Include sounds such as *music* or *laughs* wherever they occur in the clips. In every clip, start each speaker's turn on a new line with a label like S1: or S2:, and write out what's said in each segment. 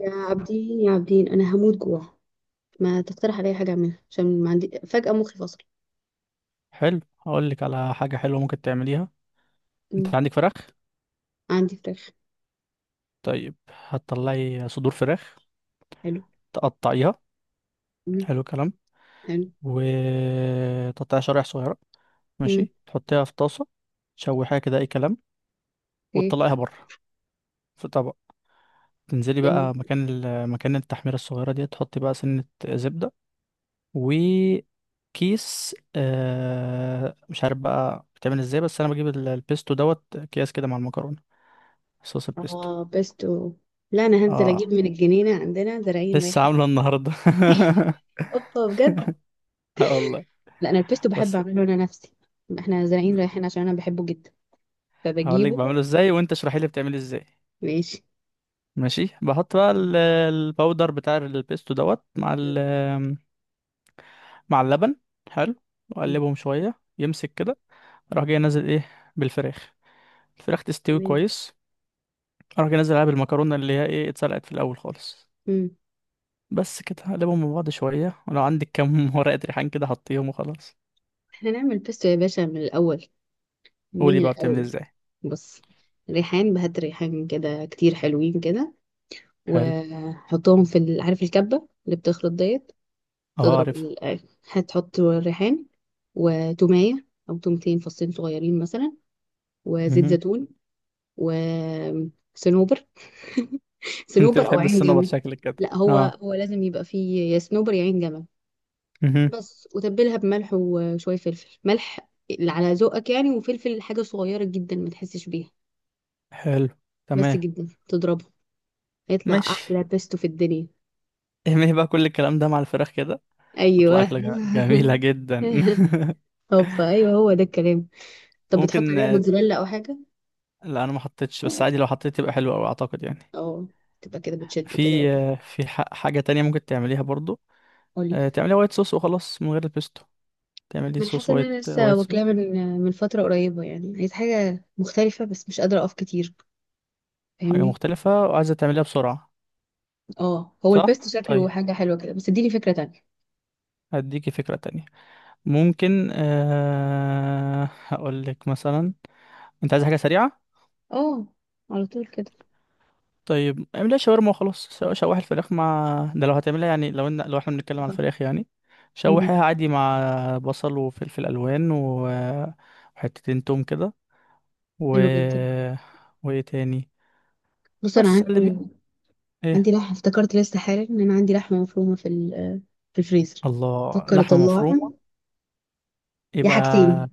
S1: يا عابدين يا عابدين انا هموت جوع. ما تقترح عليا حاجه اعملها عشان ما عندي فجاه مخي فصل.
S2: حلو، هقول لك على حاجة حلوة ممكن تعمليها.
S1: مم.
S2: انت عندك فراخ؟
S1: عندي فراخ.
S2: طيب، هتطلعي صدور فراخ
S1: حلو.
S2: تقطعيها.
S1: مم.
S2: حلو الكلام.
S1: حلو.
S2: وتقطعيها شرايح صغيرة.
S1: مم.
S2: ماشي، تحطيها في طاسة، تشوحيها كده اي كلام، وتطلعيها
S1: اوكي.
S2: بره في طبق. تنزلي بقى
S1: جميل.
S2: مكان التحميرة الصغيرة دي، تحطي بقى سنة زبدة وكيس مش عارف بقى بتعمل ازاي، بس انا بجيب البيستو دوت اكياس كده مع المكرونة، صوص البيستو.
S1: اه بيستو. لا، انا هنزل اجيب
S2: اه،
S1: من الجنينه، عندنا زراعين
S2: لسه
S1: رايحين.
S2: عامله النهارده.
S1: اوبا بجد.
S2: *laughs* اه والله.
S1: لا، انا البيستو بحب
S2: بس
S1: اعمله انا نفسي. احنا زراعين رايحين عشان انا بحبه جدا،
S2: هقول لك بعمله
S1: فبجيبه.
S2: ازاي وانت اشرحي لي بتعمله ازاي.
S1: ماشي.
S2: ماشي، بحط بقى
S1: مم.
S2: الباودر بتاع البيستو دوت مع ال مع اللبن. حلو.
S1: مم.
S2: واقلبهم شويه يمسك كده. اروح جاي نازل ايه؟ بالفراخ. الفراخ تستوي
S1: تمام.
S2: كويس. اروح جاي نازل عليها بالمكرونه اللي هي ايه اتسلقت في الاول خالص.
S1: مم.
S2: بس كده اقلبهم مع بعض شويه، ولو عندك كام *laughs* ورقه ريحان كده حطيهم وخلاص.
S1: احنا نعمل بيستو يا باشا من الاول.
S2: قولي
S1: من
S2: بقى بتعمل
S1: الأول.
S2: ازاي.
S1: بص. ريحان، بهات ريحان كده كتير حلوين كده.
S2: حلو.
S1: وحطهم في عارف الكبة اللي بتخلط ديت.
S2: اه،
S1: تضرب
S2: عارفها.
S1: هتحط الريحان. وتومية أو تومتين فصين صغيرين مثلا. وزيت
S2: *laughs*
S1: زيتون. وصنوبر. *laughs*
S2: *laughs* انت
S1: صنوبر أو
S2: بتحب
S1: عين
S2: الصنوبر
S1: جمل.
S2: شكلك كده.
S1: لا هو
S2: اه.
S1: هو لازم يبقى فيه يا صنوبر يا عين جمل.
S2: مهم.
S1: بس، وتبلها بملح وشوية فلفل، ملح اللي على ذوقك يعني، وفلفل حاجة صغيرة جدا ما تحسش بيها.
S2: حلو.
S1: بس
S2: تمام.
S1: جدا تضربها. يطلع
S2: مش
S1: احلى بيستو في الدنيا.
S2: اهمي بقى، كل الكلام ده مع الفراخ كده تطلع
S1: ايوه.
S2: اكله جميله جدا.
S1: *laughs* هوبا
S2: *laughs*
S1: ايوه هو ده الكلام. طب بتحط
S2: ممكن.
S1: عليها موتزاريلا او حاجه؟
S2: لا انا ما حطيتش، بس عادي لو حطيت تبقى حلوه قوي اعتقد يعني.
S1: اه، تبقى كده بتشد كده.
S2: في، في حاجه تانية ممكن تعمليها برضو.
S1: قولي.
S2: تعمليها وايت صوص وخلاص من غير البيستو. تعملي
S1: ما انا
S2: صوص
S1: حاسه ان
S2: وايت،
S1: انا لسه
S2: وايت
S1: واكلاه
S2: صوص.
S1: من فتره قريبه، يعني عايز حاجه مختلفه بس مش قادره اقف كتير.
S2: حاجه
S1: فاهمني.
S2: مختلفه وعايزه تعمليها بسرعه.
S1: اه، هو
S2: صح.
S1: البيستو شكله
S2: طيب،
S1: حاجه حلوه كده، بس اديني فكره تانية.
S2: هديكي فكره تانية. ممكن هقول لك مثلا. انت عايز حاجه سريعه؟
S1: اه. على طول كده.
S2: طيب، اعملها شاورما وخلاص. شوح الفراخ مع ده لو هتعملها يعني، لو لو احنا بنتكلم عن
S1: اتفقنا.
S2: الفراخ يعني.
S1: مم.
S2: شوحيها عادي مع بصل وفلفل الوان وحتتين توم كده. و
S1: حلو جدا.
S2: وايه تاني؟
S1: بص انا
S2: بس اللي بي...
S1: عندي.
S2: ايه؟
S1: عندي لحمه، افتكرت لسه حالا ان انا عندي لحمه مفرومه في في الفريزر.
S2: الله،
S1: بفكر
S2: لحمه
S1: اطلعها.
S2: مفرومه؟
S1: يا حاجتين.
S2: يبقى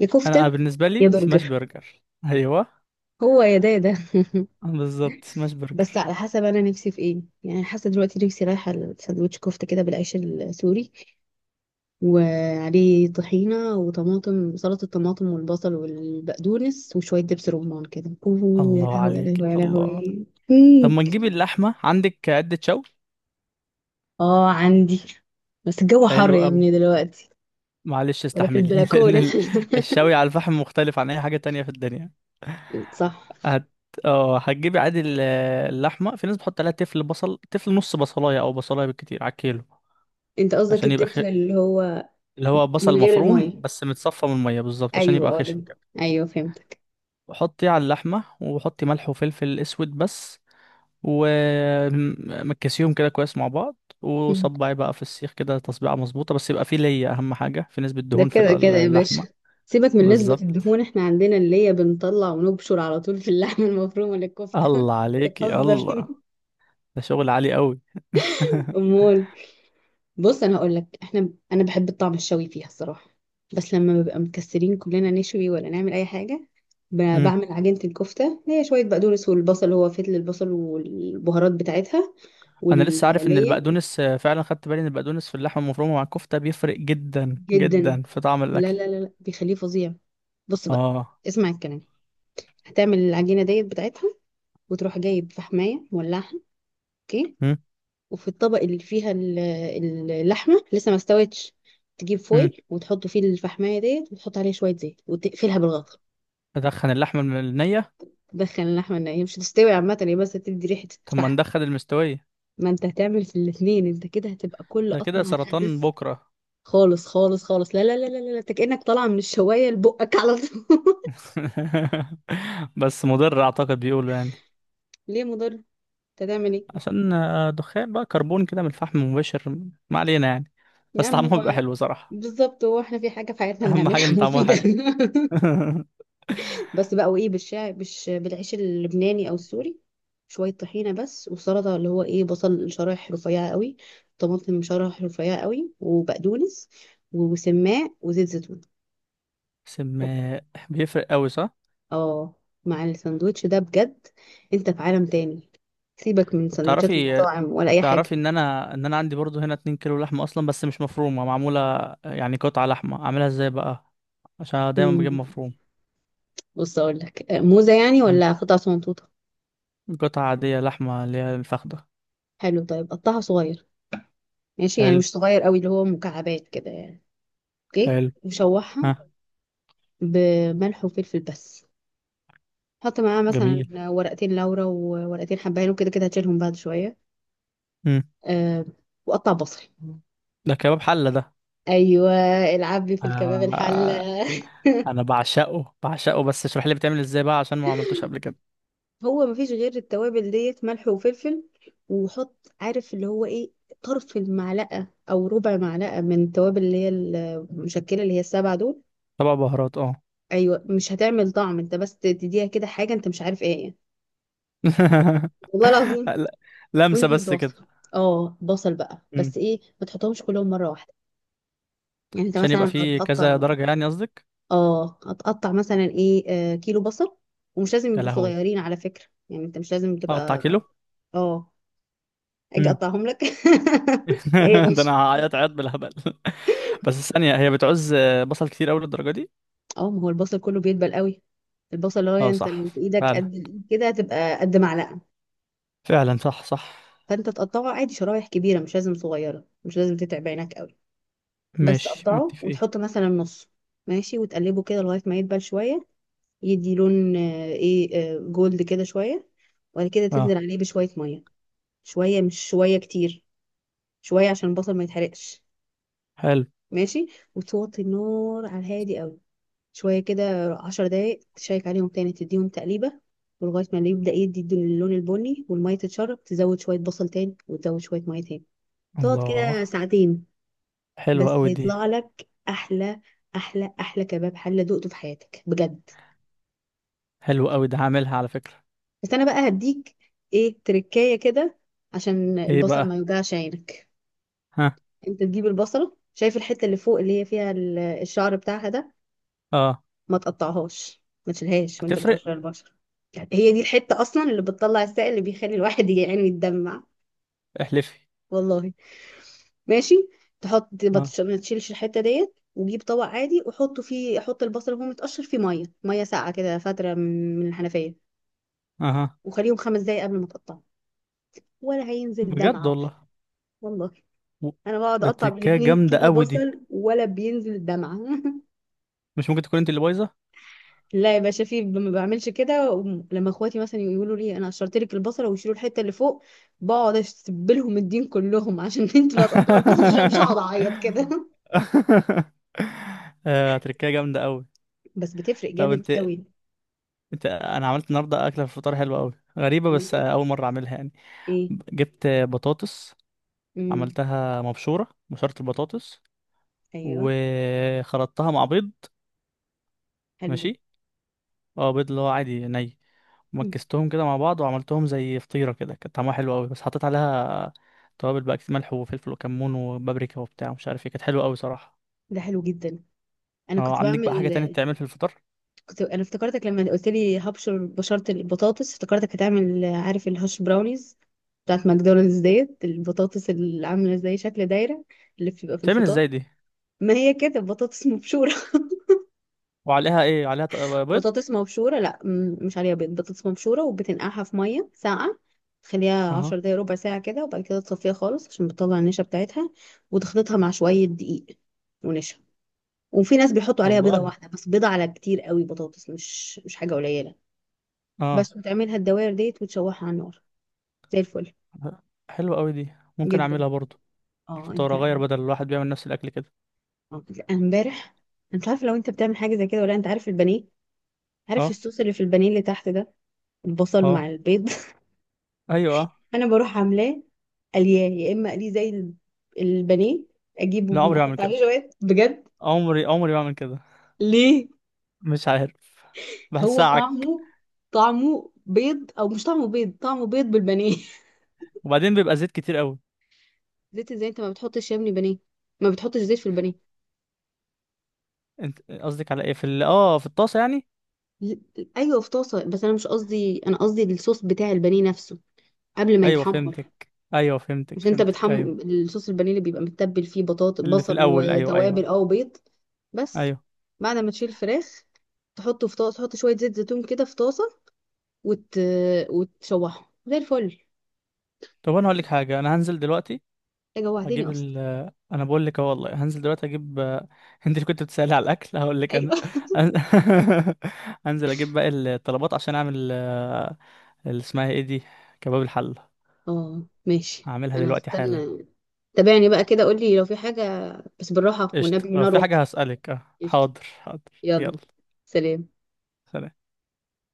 S1: يا
S2: انا
S1: كفتة.
S2: بالنسبه
S1: يا
S2: لي سماش
S1: برجر.
S2: برجر. ايوه،
S1: هو يا ده يا ده. *laughs*
S2: بالظبط سماش
S1: بس
S2: برجر.
S1: على حسب انا نفسي في ايه يعني، حاسه دلوقتي نفسي رايحه لساندوتش كفته كده بالعيش السوري. وعليه طحينه وطماطم، سلطه الطماطم والبصل والبقدونس، وشويه دبس رمان كده، اوه يا
S2: الله
S1: لهوي يا
S2: عليك
S1: لهوي يا
S2: الله.
S1: لهوي. *laughs*
S2: طب
S1: مم.
S2: ما تجيب اللحمه عندك، عده شوي.
S1: اه عندي. بس الجو حر
S2: حلو.
S1: يا ابني دلوقتي.
S2: معلش،
S1: ولا في
S2: استحملي. *laughs* لان
S1: البلكونه.
S2: الشوي على الفحم مختلف عن اي حاجه تانية في الدنيا.
S1: *laughs* صح.
S2: هت اه هتجيبي عادي اللحمه. في ناس بتحط عليها تفل بصل، تفل نص بصلايه او بصلايه بالكتير على الكيلو.
S1: انت قصدك
S2: عشان يبقى خ...
S1: التفل اللي هو.
S2: اللي هو
S1: من
S2: بصل
S1: غير
S2: مفروم
S1: الميه.
S2: بس متصفى من الميه بالظبط عشان
S1: ايوه،
S2: يبقى
S1: اه
S2: خشن كده.
S1: ايوه فهمت.
S2: حطي على اللحمه، وحطي ملح وفلفل اسود بس، ومكسيهم كده كويس مع بعض،
S1: مم.
S2: وصبعي بقى في السيخ كده تصبيعه مظبوطه، بس يبقى فيه ليا اهم حاجه في نسبه
S1: ده
S2: دهون في
S1: كده كده يا باشا.
S2: اللحمه.
S1: سيبك من نسبة
S2: بالظبط.
S1: الدهون، احنا عندنا اللي هي بنطلع ونبشر على طول في اللحمة المفرومة للكفتة.
S2: الله
S1: *laughs*
S2: عليكي
S1: تتهزر.
S2: الله.
S1: *laughs*
S2: ده شغل عالي قوي. *laughs*
S1: امال. بص انا هقول لك انا بحب الطعم الشوي فيها الصراحة. بس لما بنبقى مكسرين كلنا نشوي ولا نعمل اي حاجة.
S2: مم.
S1: بعمل عجينة الكفتة، هي شوية بقدونس والبصل، هو فتل البصل والبهارات بتاعتها.
S2: انا لسه عارف ان
S1: واللية.
S2: البقدونس فعلا خدت بالي ان البقدونس في اللحمه المفرومه مع الكفته بيفرق جدا
S1: جدا.
S2: جدا في طعم
S1: لا
S2: الاكل.
S1: لا لا لا، بيخليه فظيع. بص بقى.
S2: اه.
S1: اسمع الكلام. هتعمل العجينة ديت بتاعتها. وتروح جايب فحماية مولعها. اوكي.
S2: مم.
S1: وفي الطبق اللي فيها اللحمة لسه ما استوتش. تجيب
S2: مم.
S1: فويل وتحط فيه الفحماية ديت، وتحط عليها شوية زيت، وتقفلها بالغطا.
S2: ادخن اللحمه النيه؟
S1: تدخل اللحمة ان هي مش هتستوي عامة، هي بس تدي ريحة
S2: طب ما
S1: الفحم.
S2: ندخن المستويه.
S1: ما انت هتعمل في الاتنين، انت كده هتبقى كل
S2: ده كده
S1: قطمة
S2: سرطان
S1: هتحس.
S2: بكره.
S1: خالص خالص خالص، لا لا لا لا لا لا، انت كأنك طالعة من الشواية لبقك على طول.
S2: *laughs* بس مضر اعتقد بيقولوا يعني.
S1: *laughs* ليه مضر انت؟ هتعمل ايه؟
S2: عشان دخان بقى كربون كده من الفحم المباشر. ما علينا يعني.
S1: يا
S2: بس
S1: عم
S2: طعمها بيبقى
S1: هو.
S2: حلو صراحه.
S1: بالظبط، هو احنا في حاجة في حياتنا
S2: اهم حاجه
S1: بنعملها
S2: ان طعمها
S1: مفيدة.
S2: حلو.
S1: *laughs*
S2: *laughs*
S1: بس بقى، وايه بالشعر بالعيش اللبناني او السوري. شويه طحينه بس، وسلطه، اللي هو ايه، بصل شرايح رفيعه قوي. طماطم شرايح رفيعه قوي وبقدونس. وسماق وزيت زيتون.
S2: سم. بيفرق قوي صح.
S1: اه. مع الساندوتش ده بجد. انت في عالم تاني. سيبك من
S2: طب
S1: سندوتشات
S2: تعرفي
S1: المطاعم ولا اي
S2: تعرفي
S1: حاجه.
S2: ان انا عندي برضو هنا 2 كيلو لحمه اصلا بس مش مفرومه معموله. يعني قطعه لحمه اعملها ازاي بقى؟ عشان أنا دايما بجيب
S1: امم
S2: مفروم.
S1: بص اقول لك موزه يعني
S2: مم.
S1: ولا قطع صغنطوطه.
S2: قطعه عاديه لحمه اللي هي الفخده.
S1: حلو طيب، قطعها صغير. ماشي، يعني
S2: حلو.
S1: مش صغير قوي، اللي هو مكعبات كده يعني. اوكي،
S2: حلو.
S1: وشوحها.
S2: ها.
S1: بملح وفلفل بس. حط معاه مثلا
S2: جميل.
S1: ورقتين لورا وورقتين حبهان، وكده كده هتشيلهم بعد شوية.
S2: مم.
S1: أه. وقطع بصل.
S2: ده كباب حله ده.
S1: ايوه. العبي في الكباب
S2: آه
S1: الحلة.
S2: آه، انا بعشقه بعشقه، بس اشرح لي بتعمل ازاي بقى عشان ما عملتوش قبل كده.
S1: *laughs* هو مفيش غير التوابل ديت، ملح وفلفل. وحط. عارف اللي هو ايه. طرف المعلقة او ربع معلقة من التوابل، اللي هي المشكلة، اللي هي السبعة دول.
S2: طبق بهارات، اه.
S1: ايوه، مش هتعمل طعم، انت بس تديها كده حاجة انت مش عارف ايه.
S2: *laughs*
S1: والله العظيم.
S2: لا، لمسه
S1: وانزل
S2: بس كده.
S1: ببصل. اه، بصل بقى
S2: مم.
S1: بس، ايه ما تحطهمش كلهم مرة واحدة. يعني انت
S2: عشان يبقى
S1: مثلا
S2: فيه كذا
S1: هتقطع.
S2: درجه يعني قصدك؟
S1: اه، هتقطع مثلا ايه. كيلو بصل. ومش لازم
S2: يا
S1: يبقوا
S2: لهوي،
S1: صغيرين على فكرة، يعني انت مش لازم
S2: اقطع
S1: تبقى.
S2: كيلو؟
S1: اه. اجي اقطعهم لك، *laughs* ايه يا
S2: *laughs* ده
S1: باشا.
S2: انا هعيط عيط بالهبل. *laughs* بس ثانية، هي بتعوز بصل كتير اوي للدرجة دي؟
S1: اه، ما هو البصل كله بيدبل قوي. البصل اللي هو،
S2: اه
S1: انت
S2: صح،
S1: لو في ايدك
S2: فعلا
S1: قد الإيد كده، هتبقى قد معلقة.
S2: فعلا صح صح.
S1: فانت تقطعه عادي شرايح كبيرة، مش لازم صغيرة، مش لازم تتعب عينك قوي. بس
S2: ماشي
S1: تقطعه
S2: متفقين.
S1: وتحط مثلا نص. ماشي، وتقلبه كده لغاية ما يدبل شوية. يدي لون ايه. جولد كده شوية. وبعد كده تنزل
S2: اه.
S1: عليه بشوية مية. شوية مش شوية كتير. شوية عشان البصل ما يتحرقش.
S2: حلو.
S1: ماشي. وتوطي النار على الهادي قوي. شوية كده، 10 دقايق، تشيك عليهم تاني، تديهم تقليبة. ولغاية ما يبدأ يدي اللون البني، والمية تتشرب، تزود شوية بصل تاني، وتزود شوية مية تاني. تقعد كده
S2: الله،
S1: ساعتين.
S2: حلوة
S1: بس
S2: اوي دي.
S1: هيطلع لك أحلى. أحلى أحلى كباب حلة دقته في حياتك بجد.
S2: حلوة اوي، ده هعملها على فكرة.
S1: بس أنا بقى هديك. إيه تركاية كده. عشان
S2: ايه
S1: البصل ما
S2: بقى؟
S1: يوجعش عينك.
S2: ها.
S1: انت تجيب البصله، شايف الحته اللي فوق اللي هي فيها الشعر بتاعها ده.
S2: اه،
S1: ما تقطعهاش، ما تشيلهاش وانت
S2: هتفرق؟
S1: بتقشر البشره. هي دي الحته اصلا اللي بتطلع السائل اللي بيخلي الواحد يعني يتدمع.
S2: احلفي.
S1: والله. ماشي. تحط،
S2: اه.
S1: ما تشيلش الحته ديت، وجيب طبق عادي وحطه فيه، حط البصل وهو متقشر فيه، ميه ميه ساقعه كده فتره، من الحنفيه.
S2: اها.
S1: وخليهم 5 دقايق قبل ما تقطعه. ولا هينزل
S2: بجد
S1: دمعه واحده.
S2: والله.
S1: والله.
S2: و-
S1: انا بقعد
S2: ده
S1: اقطع
S2: تركاية
S1: بالاتنين
S2: جامدة
S1: كيلو
S2: اوي دي،
S1: بصل ولا بينزل دمعه. *laughs*
S2: مش ممكن تكون انت اللي بايظة.
S1: لا يا باشا، في ما بعملش كده، لما اخواتي مثلا يقولوا لي انا قشرت لك البصله ويشيلوا الحته اللي فوق. بقعد اشتبلهم الدين كلهم، *laughs* عشان انتوا اللي هتقطعوا البصل، عشان أنا مش هقعد
S2: *laughs*
S1: اعيط كده.
S2: آه، تركاية جامدة اوي.
S1: بس بتفرق
S2: طب
S1: جامد
S2: انت،
S1: قوي.
S2: انت انا عملت النهارده اكله في الفطار حلوه قوي، غريبه
S1: عملت
S2: بس
S1: ايه.
S2: اول مره اعملها يعني.
S1: ايه.
S2: جبت بطاطس،
S1: امم
S2: عملتها مبشوره، مبشوره البطاطس،
S1: ايوه.
S2: وخلطتها مع بيض.
S1: حلو ده.
S2: ماشي. اه، بيض اللي هو عادي ني.
S1: مم.
S2: ومكستهم كده مع بعض وعملتهم زي فطيره كده، كانت طعمها حلو قوي، بس حطيت عليها توابل بقى كتير، ملح وفلفل وكمون وبابريكا وبتاع مش عارف ايه، كانت حلوه قوي صراحه.
S1: ده حلو جدا. انا
S2: اه
S1: كنت
S2: عندك بقى
S1: بعمل.
S2: حاجه تانية بتتعمل في الفطار؟
S1: كنت انا افتكرتك لما قلت لي هبشر، بشرت البطاطس، افتكرتك هتعمل عارف الهاش براونيز. بتاعت ماكدونالدز ديت، البطاطس اللي عامله زي شكل دايره. اللي بتبقى في
S2: بتتعمل
S1: الفطار.
S2: ازاي دي؟
S1: ما هي كده بطاطس مبشورة.
S2: وعليها ايه؟
S1: *laughs*
S2: بيض؟
S1: بطاطس مبشورة، لا مش عليها بيض، بطاطس مبشورة وبتنقعها في مية ساقعة. تخليها
S2: اها.
S1: 10 دقايق ربع ساعة كده، وبعد كده تصفيها خالص عشان بتطلع النشا بتاعتها. وتخلطها مع شوية دقيق. ونشا. وفي ناس بيحطوا عليها بيضة
S2: والله.
S1: واحدة، بس بيضة على كتير قوي بطاطس، مش حاجة قليلة.
S2: اه.
S1: بس، وتعملها الدوائر ديت، وتشوحها على النار. زي الفل.
S2: حلوة قوي دي، ممكن
S1: جدا.
S2: اعملها برضو.
S1: اه انت.
S2: الفطار اغير، بدل الواحد بيعمل نفس الاكل كده.
S1: لأ، أنا امبارح. انا مش عارفة لو انت بتعمل حاجة زي كده ولا لأ، انت عارف البانيه. عارف
S2: اه.
S1: الصوص اللي في البانيه اللي تحت ده. البصل مع
S2: اه.
S1: البيض.
S2: ايوه. اه.
S1: انا بروح عاملاه. قلياه يا اما قليه زي البانيه.
S2: لا،
S1: اجيبه
S2: عمري بعمل
S1: احط
S2: كده،
S1: عليه جوات بجد.
S2: عمري عمري بعمل كده.
S1: ليه.
S2: مش عارف،
S1: هو
S2: بحسها عك.
S1: طعمه. طعمه بيض او مش طعمه بيض، طعمه بيض بالبانيه. *laughs*
S2: وبعدين بيبقى زيت كتير قوي.
S1: زيت ازاي انت ما بتحطش يا ابني بانيه. ما بتحطش زيت في البانيه.
S2: انت قصدك على ايه؟ في اه في الطاسة يعني.
S1: ل- ايوه في طاسه، بس انا مش قصدي، انا قصدي الصوص بتاع البانيه نفسه. قبل ما
S2: ايوه
S1: يتحمر.
S2: فهمتك، ايوه فهمتك،
S1: مش انت
S2: فهمتك،
S1: بتحم
S2: ايوه.
S1: الصوص البانيه اللي بيبقى متبل فيه بطاطس
S2: اللي في
S1: بصل
S2: الاول، ايوه
S1: وتوابل
S2: ايوه
S1: او بيض. بس.
S2: ايوه.
S1: بعد ما تشيل الفراخ. تحطه في طاسه، تحط شويه زيت زيتون كده في طاسه. وت... وتشوحه زي الفل.
S2: طب انا هقول لك حاجة، انا هنزل دلوقتي،
S1: يا جوعتني
S2: هجيب
S1: اصلا.
S2: ال انا بقول لك اهو والله، هنزل دلوقتي اجيب *laughs* انت اللي كنت بتسألي على الاكل هقول لك انا.
S1: ايوه. *laughs*
S2: *laughs* هنزل اجيب باقي الطلبات عشان اعمل اللي اسمها ايه دي، كباب الحلة.
S1: اه ماشي،
S2: هعملها
S1: انا
S2: دلوقتي حالا.
S1: هستنى. تابعني بقى كده، قولي لو في حاجه. بس بالراحه
S2: قشطة،
S1: والنبي،
S2: لو
S1: نار
S2: في
S1: واطيه.
S2: حاجة هسألك. اه،
S1: قشطة.
S2: حاضر حاضر،
S1: يلا.
S2: يلا.
S1: سلام.
S2: سلام.